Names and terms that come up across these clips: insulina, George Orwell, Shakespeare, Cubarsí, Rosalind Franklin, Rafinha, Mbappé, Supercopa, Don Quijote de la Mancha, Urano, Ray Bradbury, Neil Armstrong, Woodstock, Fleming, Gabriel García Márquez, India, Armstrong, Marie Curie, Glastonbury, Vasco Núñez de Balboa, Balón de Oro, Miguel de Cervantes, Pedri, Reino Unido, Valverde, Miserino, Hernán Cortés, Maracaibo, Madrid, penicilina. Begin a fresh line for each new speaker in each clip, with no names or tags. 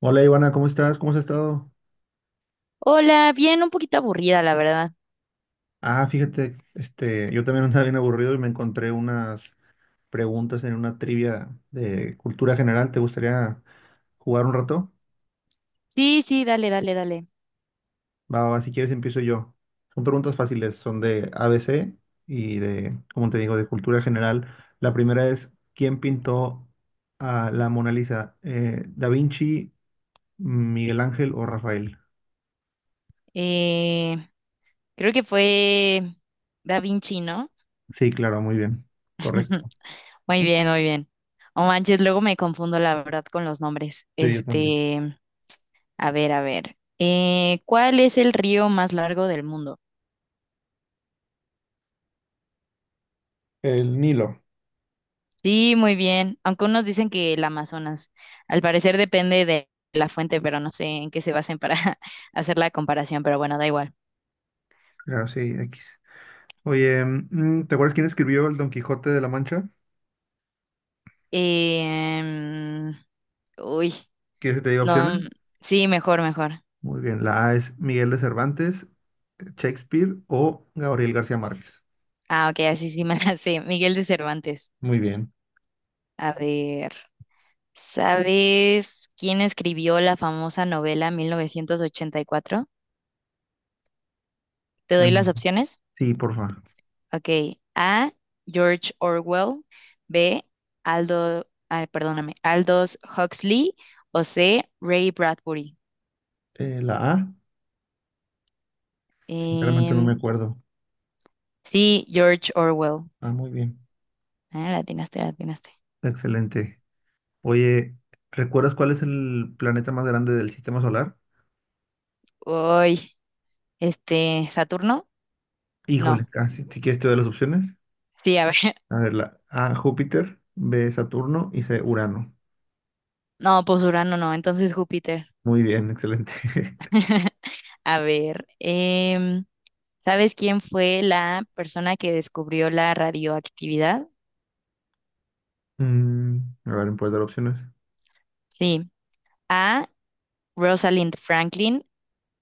Hola Ivana, ¿cómo estás? ¿Cómo has estado?
Hola, bien, un poquito aburrida, la verdad.
Ah, fíjate, este, yo también andaba bien aburrido y me encontré unas preguntas en una trivia de cultura general. ¿Te gustaría jugar un rato?
Sí, sí, dale, dale, dale.
Va, va, va, si quieres empiezo yo. Son preguntas fáciles, son de ABC y de, como te digo, de cultura general. La primera es, ¿quién pintó a la Mona Lisa? ¿Eh, Da Vinci, Miguel Ángel o Rafael?
Eh, creo que fue Da Vinci, ¿no?
Sí, claro, muy bien. Correcto.
Muy bien, muy bien. Oh, manches, luego me confundo, la verdad, con los nombres.
Sí, yo también.
A ver, a ver. ¿Cuál es el río más largo del mundo?
El Nilo.
Sí, muy bien. Aunque unos dicen que el Amazonas. Al parecer depende de la fuente, pero no sé en qué se basen para hacer la comparación, pero bueno, da igual.
Claro, sí, X. Oye, ¿te acuerdas quién escribió el Don Quijote de la Mancha?
Eh, uy.
¿Quieres que si te diga
No,
opciones?
sí, mejor, mejor.
Muy bien, la A es Miguel de Cervantes, Shakespeare o Gabriel García Márquez.
Ah, ok, así sí me la sé. Miguel de Cervantes.
Muy bien.
A ver, ¿sabes quién escribió la famosa novela 1984? ¿Te doy
Em,
las opciones?
sí, porfa.
Ok, A, George Orwell, B, ah, perdóname, Aldous Huxley, o C, Ray Bradbury.
La A, sinceramente no
Em,
me acuerdo.
sí, George Orwell.
Ah, muy bien.
Ah, la atinaste, la atinaste.
Excelente. Oye, ¿recuerdas cuál es el planeta más grande del sistema solar?
Uy, ¿Saturno?
Híjole,
No.
casi. Si si quieres te doy las opciones.
Sí, a ver.
A ver, la A, Júpiter, B, Saturno y C, Urano.
No, pues Urano no, entonces Júpiter.
Muy bien, excelente.
A ver, ¿sabes quién fue la persona que descubrió la radioactividad?
Mm, a ver, ¿me puedes dar opciones?
Sí. A, Rosalind Franklin.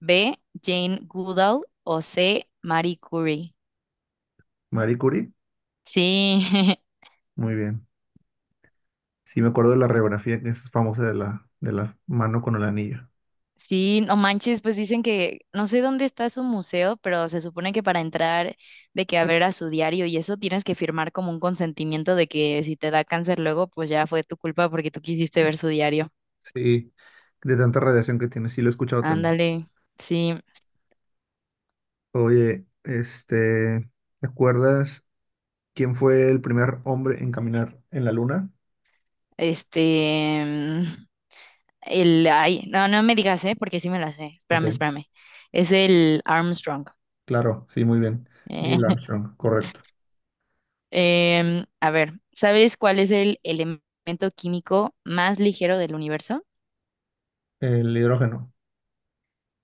B, Jane Goodall. O C, Marie Curie.
Marie Curie,
Sí,
muy bien. Sí, me acuerdo de la radiografía que es famosa de la mano con el anillo.
sí, no manches, pues dicen que no sé dónde está su museo, pero se supone que para entrar, de que a ver a su diario y eso, tienes que firmar como un consentimiento de que si te da cáncer luego, pues ya fue tu culpa porque tú quisiste ver su diario.
Sí, de tanta radiación que tiene, sí lo he escuchado también.
Ándale, sí,
Oye, este, ¿te acuerdas quién fue el primer hombre en caminar en la luna?
este, mm, ay, no, no me digas, ¿eh? Porque sí me la sé,
Ok,
espérame, espérame, es el Armstrong.
claro, sí, muy bien.
Eh,
Neil Armstrong, correcto.
a ver, ¿sabes cuál es el elemento químico más ligero del universo?
El hidrógeno,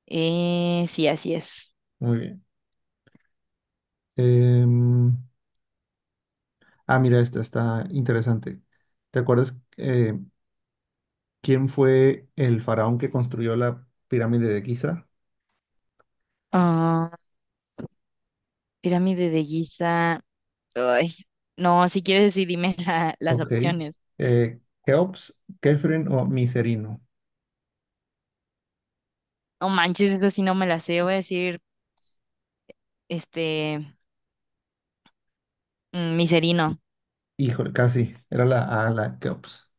Sí, así es.
muy bien. Em, Mira, esta está interesante. ¿Te acuerdas quién fue el faraón que construyó la pirámide de Giza?
Ah, pirámide de Giza, ay, no, si quieres sí dime las
Ok.
opciones.
Eh, Keops, Kefren o Miserino.
No manches, eso sí no me la sé, voy a decir, este, miserino.
Híjole, casi. Era la A, la Keops.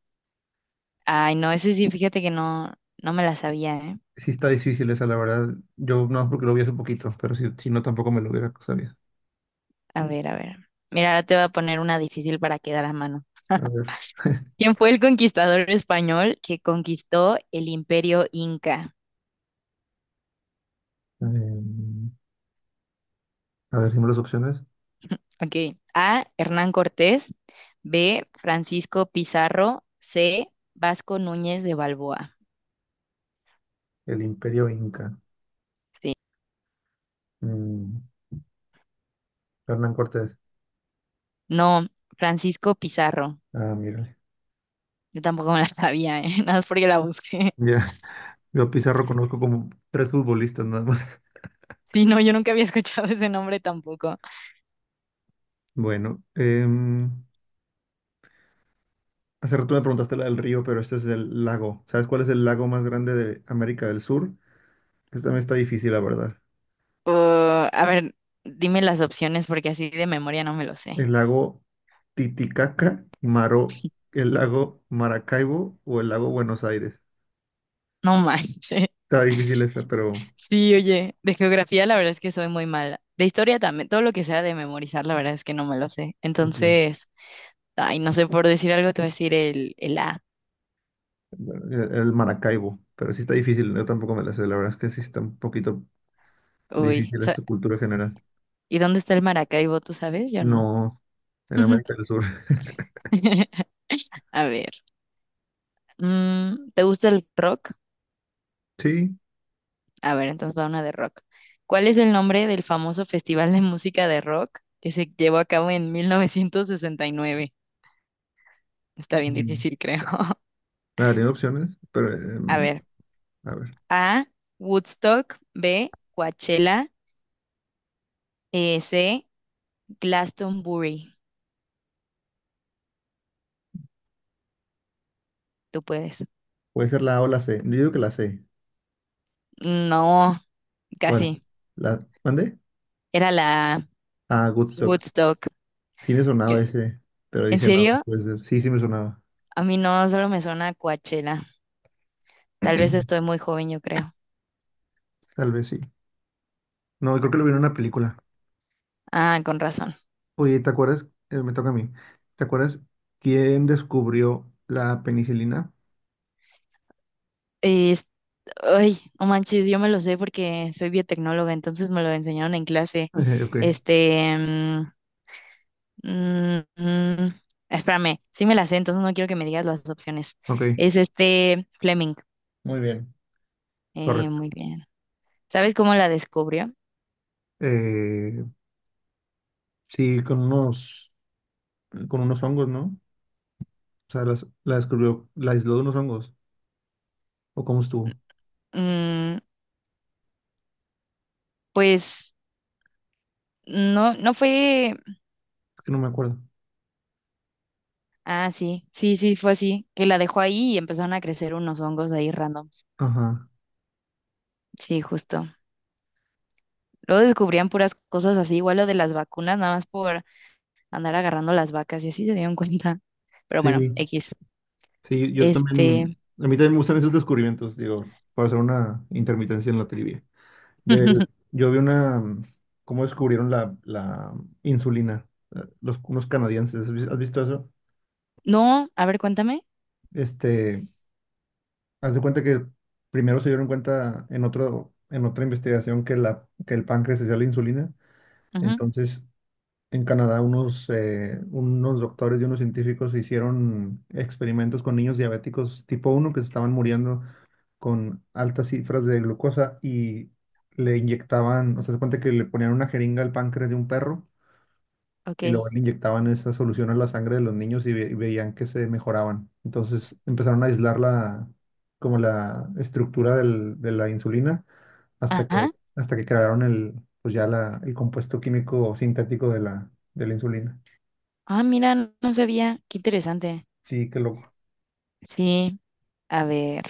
Ay, no, ese sí, fíjate que no, no me la sabía, ¿eh?
Sí está difícil esa, la verdad. Yo no porque lo vi hace poquito, pero si, si no tampoco me lo hubiera sabido.
A ver, a ver. Mira, ahora te voy a poner una difícil para quedar a mano.
A ver.
¿Quién fue el conquistador español que conquistó el imperio Inca?
em, a ver, dime las opciones.
Ok. A, Hernán Cortés. B, Francisco Pizarro. C, Vasco Núñez de Balboa.
El Imperio Inca.
Sí.
Mm, Hernán Cortés.
No, Francisco Pizarro.
Ah, mírale.
Yo tampoco me la sabía, ¿eh? Nada más porque la busqué.
Ya. Yo Pizarro conozco como tres futbolistas nada más.
Sí, no, yo nunca había escuchado ese nombre tampoco.
Bueno, hace rato me preguntaste la del río, pero este es del lago. ¿Sabes cuál es el lago más grande de América del Sur? Esta también está difícil, la verdad.
A ver, dime las opciones porque así de memoria no me lo sé.
¿El lago Titicaca, Maro, el lago Maracaibo o el lago Buenos Aires?
No manches.
Está difícil esta, pero...
Sí, oye, de geografía la verdad es que soy muy mala. De historia también, todo lo que sea de memorizar la verdad es que no me lo sé.
Ok.
Entonces, ay, no sé, por decir algo te voy a decir el, A.
El Maracaibo, pero sí está difícil. Yo tampoco me la sé. La verdad es que sí está un poquito
Uy,
difícil
sa-
esta cultura general.
¿y dónde está el Maracaibo? ¿Tú sabes? Yo no.
No, en América del Sur.
A ver, ¿te gusta el rock?
Sí.
A ver, entonces va una de rock. ¿Cuál es el nombre del famoso festival de música de rock que se llevó a cabo en 1969? Está bien
mm,
difícil, creo.
A ver, tiene opciones, pero...
A ver,
a ver.
A, Woodstock, B, Coachella, C, Glastonbury. Tú puedes.
Puede ser la A o la C. Yo digo que la C.
No,
¿Cuál?
casi.
¿La mande?
Era la
Ah, Woodstock.
Woodstock.
Sí me
Yo…
sonaba ese, pero
¿En
dije, no, no
serio?
puede ser. Sí, sí me sonaba.
A mí no, solo me suena Coachella. Tal vez estoy muy joven, yo creo.
Tal vez sí. No, creo que lo vi en una película.
Ah, con razón.
Oye, ¿te acuerdas? Me toca a mí. ¿Te acuerdas quién descubrió la penicilina?
Es- ay, no manches, yo me lo sé porque soy biotecnóloga, entonces me lo enseñaron en clase.
Eh, ok,
Este, mm, Mm, mm, espérame, sí me la sé, entonces no quiero que me digas las opciones.
ok.
Es este Fleming.
Muy bien. Correcto.
Muy bien. ¿Sabes cómo la descubrió?
Eh, sí, con unos hongos, ¿no? O sea, la descubrió, la aisló de unos hongos. ¿O cómo estuvo?
Mm, pues no, no fue.
Es que no me acuerdo.
Ah, sí, sí, sí, fue así. Que la dejó ahí y empezaron a crecer unos hongos ahí randoms.
Ajá.
Sí, justo. Luego descubrían puras cosas así, igual lo de las vacunas, nada más por andar agarrando las vacas y así se dieron cuenta. Pero
Sí,
bueno, X.
sí, yo también,
Este.
a mí también me gustan esos descubrimientos, digo, para hacer una intermitencia en la trivia. De, yo vi una, cómo descubrieron la insulina, unos canadienses, has visto eso?
No, a ver, cuéntame.
Este, haz de cuenta que primero se dieron cuenta en en otra investigación que, que el páncreas hacía la insulina,
Ujú,
entonces en Canadá unos doctores y unos científicos hicieron experimentos con niños diabéticos tipo uno que se estaban muriendo con altas cifras de glucosa y le inyectaban, o sea, se cuenta que le ponían una jeringa al páncreas de un perro
ok.
y luego le inyectaban esa solución a la sangre de los niños y, y veían que se mejoraban. Entonces empezaron a aislar como la estructura de la insulina
Ajá.
hasta que crearon pues ya el compuesto químico sintético de de la insulina.
Ah, mira, no no sabía. Qué interesante.
Sí, qué loco.
Sí, a ver.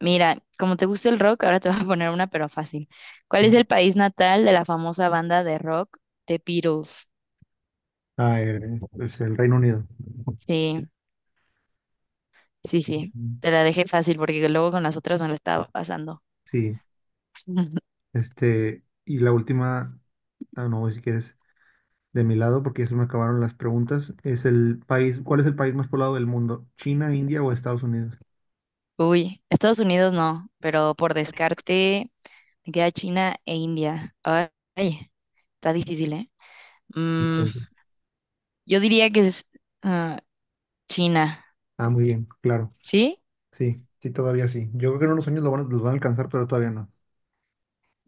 Mira, como te gusta el rock, ahora te voy a poner una, pero fácil. ¿Cuál es el país natal de la famosa banda de rock The Beatles?
Ah, es el Reino Unido.
Sí, sí, sí.
Mm.
Te la dejé fácil porque luego con las otras me lo estaba pasando.
Sí, este, y la última, ah, no, si quieres, de mi lado, porque ya se me acabaron las preguntas, es el país, ¿cuál es el país más poblado del mundo? ¿China, India o Estados Unidos?
Uy, Estados Unidos no, pero por descarte me queda China e India. Ay, está difícil, ¿eh?
Y
Mm,
todo.
yo diría que es ah, China,
Ah, muy bien, claro.
¿sí?
Sí, sí, todavía sí. Yo creo que en unos años los van a alcanzar, pero todavía no.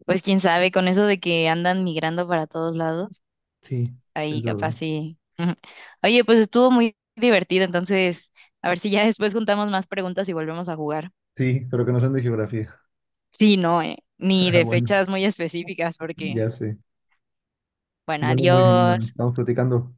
Pues quién sabe, con eso de que andan migrando para todos lados,
Sí,
ahí
es verdad.
capaz sí. Oye, pues estuvo muy divertido, entonces a ver si ya después juntamos más preguntas y volvemos a jugar.
Sí, pero que no sean de geografía.
Sí, no, ni
Ah,
de
bueno,
fechas muy específicas, porque,
ya sé.
bueno,
Bueno, muy bien, Iván.
adiós.
Estamos platicando.